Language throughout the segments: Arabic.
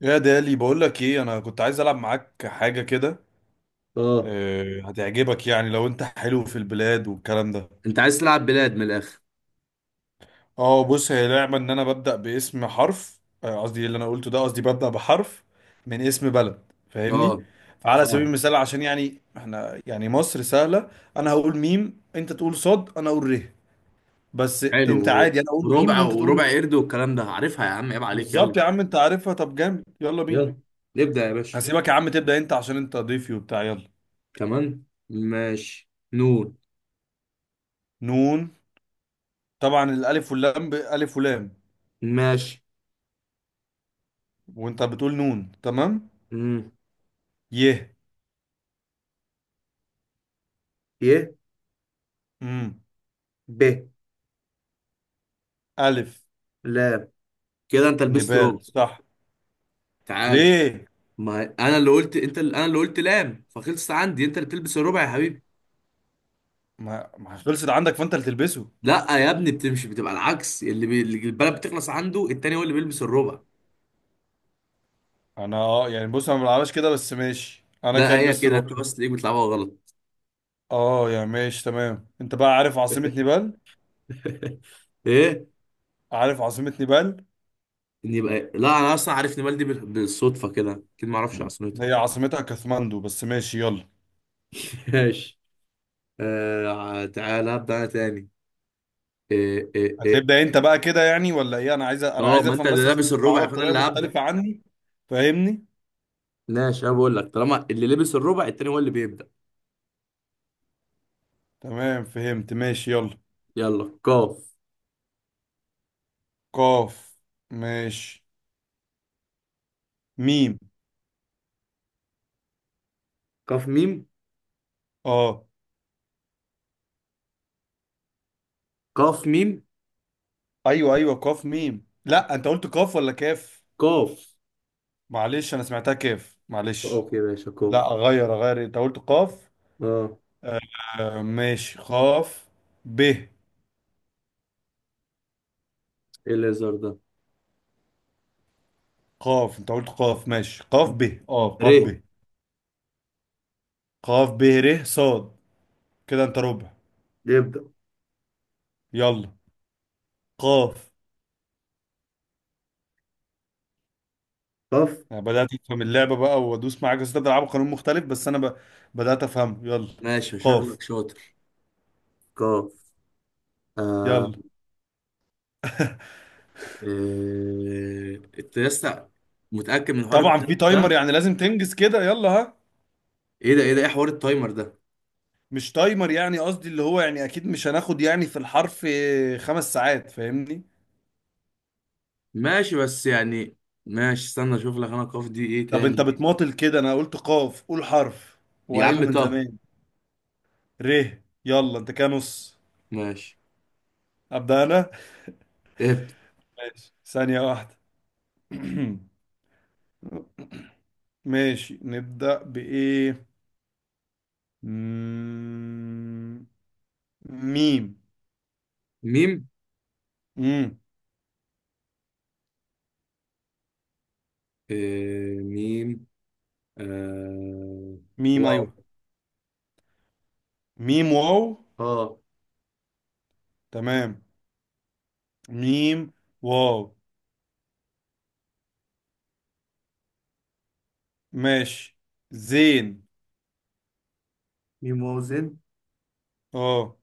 يا دالي، بقول لك ايه، انا كنت عايز العب معاك حاجه كده. اه، آه، هتعجبك يعني لو انت حلو في البلاد والكلام ده. انت عايز تلعب بلاد من الاخر. اه، بص هي لعبه ان انا ببدا باسم حرف، قصدي اللي انا قلته ده، قصدي ببدا بحرف من اسم بلد، فاهمني؟ اه، فعلى سبيل فاهم. المثال، عشان يعني احنا يعني مصر سهله. انا هقول ميم، انت تقول صاد، انا اقول ره. بس انت حلو. عادي، انا اقول ميم وربع وانت تقول. وربع قرد والكلام ده، عارفها يا عم، عيب عليك، يلا. بالظبط يا عم، انت عارفها، طب جامد، يلا بينا. يلا نبدأ يا باشا. هسيبك يا عم تبدا انت، عشان انت ضيفي وبتاع، يلا. كمان ماشي، نون. نون. طبعا الالف واللام، الف ولام. ماشي. وانت بتقول نون، تمام. مم. ي. ي. امم ب. الف. لام. كده انت لبست ربع. نبال، صح؟ تعال. ليه؟ ما انا اللي قلت انت اللي انا اللي قلت لام، فخلصت عندي، انت اللي بتلبس الربع يا حبيبي. ما خلصت عندك، فانت اللي تلبسه. لا يا ابني، بتمشي بتبقى العكس، اللي البلد بتخلص عنده التاني هو اللي بيلبس الربع. انا يعني بص انا ما بلعبهاش كده، بس ماشي انا ده هي كلبس كده رول. انت بس تلاقيك بتلعبها غلط. اه يعني ماشي تمام، انت بقى عارف عاصمة نيبال؟ ايه؟ عارف عاصمة نيبال؟ إن يبقى لا، انا اصلا عارف نمال دي بالصدفه كده، اكيد ما اعرفش عصنته. هي عاصمتها كاثماندو، بس ماشي يلا. ماشي. آه، تعالى ابدا انا تاني. إيه إيه إيه. هتبدأ انت بقى كده يعني ولا ايه؟ انا عايز انا اه، عايز ما انت افهم، اللي بس عشان لابس انت الربع بتلعبها فانا بطريقة اللي هبدا. مختلفة عني. فاهمني؟ ماشي، انا بقول لك طالما اللي لبس الربع التاني هو اللي بيبدا. تمام، فهمت، ماشي يلا. يلا، قاف. قاف. ماشي. ميم. قاف ميم. اه. قاف ميم. ايوه، ايوه، قاف ميم. لا، انت قلت قاف ولا كاف؟ قاف. معلش، انا سمعتها كاف، معلش. اوكي ماشي قاف. لا، اغير اغير، انت قلت قاف. اه. آه ماشي، قاف. ب. ايه الليزر ده؟ قاف، انت قلت قاف، ماشي قاف ب. اه، ر. قاف ب. قاف ب ر. صاد. كده انت ربع. يبدا. يلا. قاف. قاف. أنا بدأت أفهم اللعبة بقى وأدوس معاك، بس أنت بتلعبوا قانون مختلف، بس أنا بدأت أفهمه، يلا. ماشي، قاف. شغلك شاطر. قاف. آه. يلا. إيه... انت لسه متأكد من حوار طبعا في التايمر تايمر، ده؟ يعني لازم تنجز كده، يلا، ها. ايه ده؟ ايه ده؟ ايه حوار التايمر ده؟ مش تايمر يعني، قصدي اللي هو يعني اكيد مش هناخد يعني في الحرف 5 ساعات، فاهمني؟ ماشي بس يعني. ماشي، استنى اشوف لك انا القاف دي ايه طب انت تاني. بتماطل كده، انا قلت قاف، قول حرف يا وعيله عم من طه. زمان. ر. يلا، انت كده نص. ماشي. ابدا انا. إيه. ماشي، ثانية واحدة. ماشي، نبدأ بإيه؟ مم، ميم. ميم. مم. إيه... ميم. آه... ميم، واو. أيوه. ميم واو. اه. تمام. ميم واو، ماشي، زين. ميم واو زد. اه،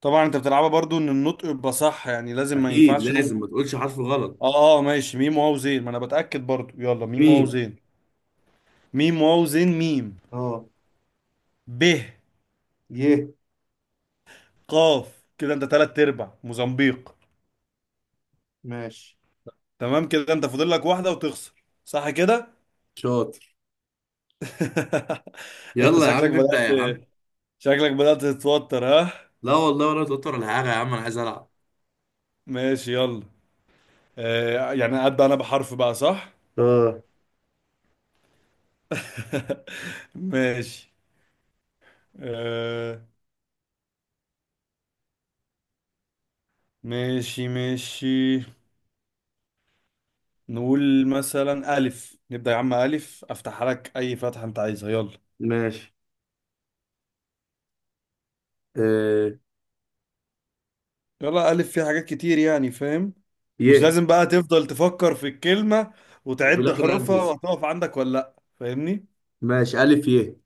طبعا انت بتلعبها برضو ان النطق يبقى صح، يعني لازم ما اكيد ينفعش نقوم. لازم ما تقولش حرف غلط. اه، اه، ماشي ميم واو زين، ما انا بتأكد برضو، يلا ميم واو ميم. زين. ميم واو زين ميم. اه. ب. يه. قاف، كده انت تلات ارباع، موزمبيق. ماشي. تمام، كده انت فاضل لك واحدة وتخسر، صح كده؟ شاطر. انت يلا يا عم، شكلك ابدأ بدأت، يا عم. شكلك بدأت تتوتر، ها؟ لا والله، ولا توتر ولا حاجة يا عم، انا عايز العب. ماشي يلا. آه، يعني ابدأ انا بحرف بقى، صح؟ اه، ماشي. آه. ماشي، ماشي. نقول مثلا ألف، نبدأ يا عم، ألف، أفتح لك أي فتحة أنت عايزها، يلا. ماشي. آه. يلا، ألف فيها حاجات كتير يعني، فاهم؟ مش يه. لازم بقى تفضل تفكر في الكلمة وفي وتعد الاخر انا حروفها البسها. وهتقف عندك ولا لأ، فاهمني؟ ماشي، ألف يه.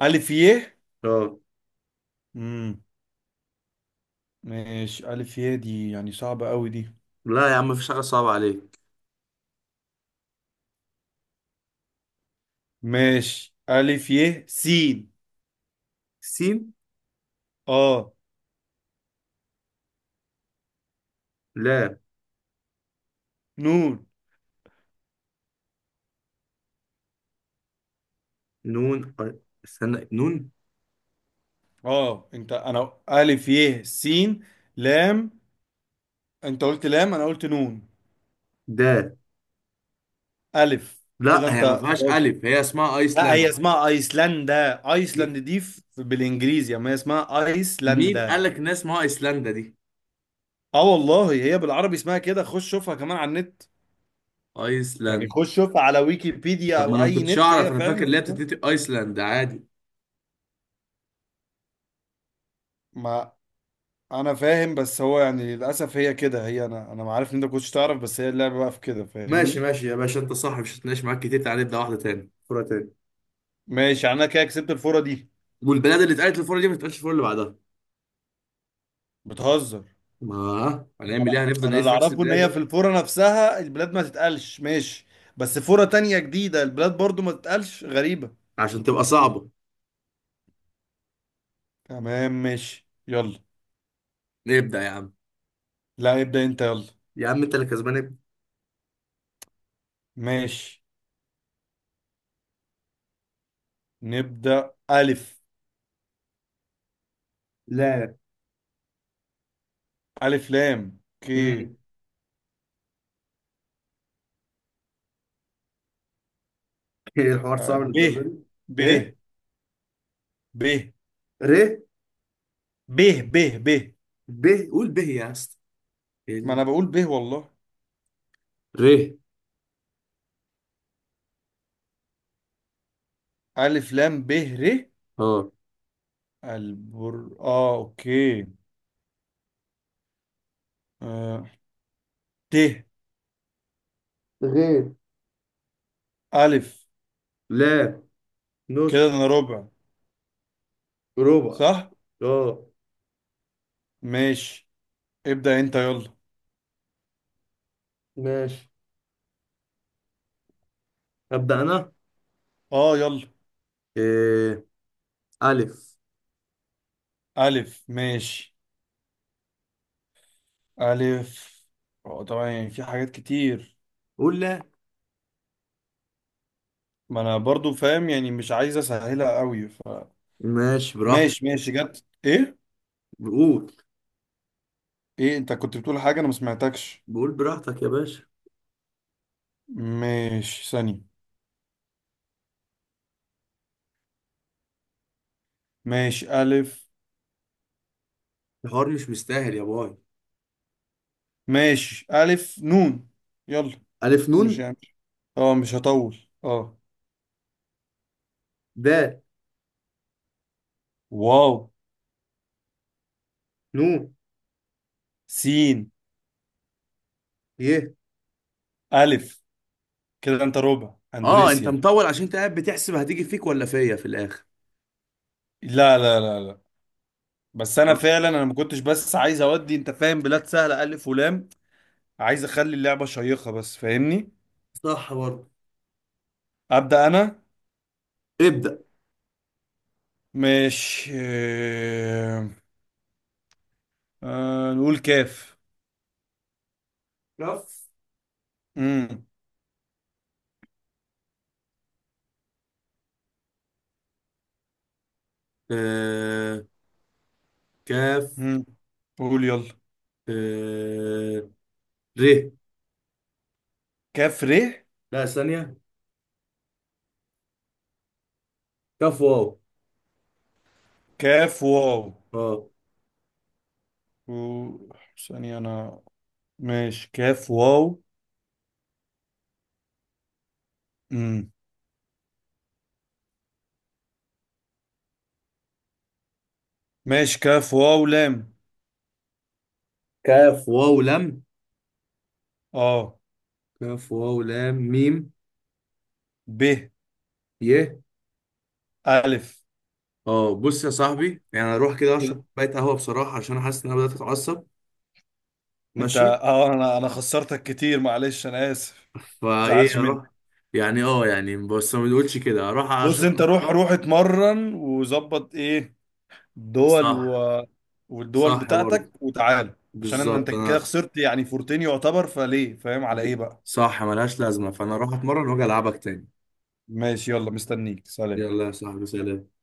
ألف يه. اه. امم ماشي، ألف يه دي يعني صعبة أوي دي. لا يا عم، مفيش حاجة صعبة عليك. ماشي، ألف يه سين. سين. آه. لا. نون. نون. استنى، نون. آه، أنا ألف يه سين. لام. أنت قلت لام، أنا قلت نون. دا. ألف، لا، كده أنت هي ما فيهاش خلاص. ألف، هي اسمها لا، هي أيسلندا. اسمها ايسلندا، مي- ايسلند دي بالانجليزي، اما هي اسمها مين قال ايسلندا. لك إن اسمها أيسلندا دي؟ اه والله، هي بالعربي اسمها كده، خش شوفها كمان على النت. يعني أيسلندا؟ خش شوفها على ويكيبيديا طب ما او أنا ما اي كنتش نت، أعرف، هي أنا فعلا فاكر اللي هي اسمها. بتتقي أيسلندا عادي. ما. انا فاهم، بس هو يعني للاسف هي كده، هي انا ما عارف ان انت كنتش تعرف، بس هي اللعبه بقى في كده، ماشي فاهمني؟ ماشي يا باشا، أنت صح، مش هتناقش معاك كتير، تعالى نبدأ واحدة تاني، فورة تاني. ماشي، يعني انا كده كسبت الفوره دي. والبلاد اللي اتقالت الفورة دي ما تتقالش الفورة اللي بعدها. بتهزر؟ ما انا هنعمل إيه، هنفضل انا نعيش اللي في نفس اعرفه ان البلاد هي في يعني. الفوره نفسها البلاد ما تتقالش، ماشي. بس فوره تانية جديده البلاد برضو ما تتقالش، غريبه. عشان تبقى صعبة. تمام، ماشي يلا. نبدأ يا عم. لا، ابدأ انت، يلا. يا عم انت اللي كسبان، ابدأ. ماشي. نبدأ ألف. لا. ألف لام، اوكي. مم. ايه الحوار صعب ب. للدرجة دي؟ ب. ايه. ب. ر. ب. ب ب. ب. قول ب يا اسطى. ما انا ال- بقول ب والله. ر. ألف لام ب ر. اه. البر، اه، اوكي. آه. ت. غير. ألف. لا. كده نص. انا ربع، ربع. صح. اه. ماشي. ابدأ انت، يلا. ماشي. أبدأ أنا. اه، يلا. إيه. ألف. ألف، ماشي. ألف. اه، طبعا يعني في حاجات كتير. قول لا. ما انا برضو فاهم يعني، مش عايز اسهلها قوي، ماشي، براحتك. ماشي ماشي، جت ايه؟ بقول. ايه؟ انت كنت بتقول حاجة، انا ما سمعتكش. بقول براحتك يا باشا. ماشي، ثانية. ماشي، الف. الحوار مش مستاهل يا باي. ماشي، الف نون. يلا. ألف مش نون. يعني، اه مش هطول. اه. د. واو. نون. سين. ي. الف. كده انت ربع، اه، انت اندونيسيا. مطول عشان انت قاعد بتحسب هتيجي فيك ولا فيا في الآخر. لا، لا، لا، لا. بس انا فعلا، انا ما كنتش، بس عايز اودي، انت فاهم، بلاد سهلة الف ولام. عايز اخلي اللعبة شيقة بس، فاهمني؟ صح برضه. ابدا انا. ابدأ. ماشي، نقول كاف. كف. مم. آه. كاف. مم. قول يلا. آه. ر. كاف ر. لا، ثانية. كف واو. كاف واو. اه. و... ثانية أنا. ماشي، كاف واو. مم. ماشي، كاف واو لام. كاف واو لم. اه. كاف واو لام ميم. ب. ي. ألف. اه، بص يا صاحبي، يعني اروح كده اشرب كوبايه قهوه بصراحه، عشان انا حاسس ان انا بدات اتعصب. أنت ماشي. اه أنا خسرتك كتير، معلش، أنا آسف. فايه زعلش مني؟ اروح. يعني اه يعني بس ما بنقولش كده، اروح بص اشرب أنت، كوباية روح قهوة. روح اتمرن وظبط إيه دول، صح. والدول صح بتاعتك برضه. وتعالى. عشان انت بالظبط كده انا. خسرت يعني فورتين يعتبر، فليه، فاهم على ايه ب- بقى؟ صح، ملهاش لازمه، فانا اروح اتمرن واجي العبك تاني. ماشي يلا، مستنيك، سلام. يلا يا صاحبي، سلام.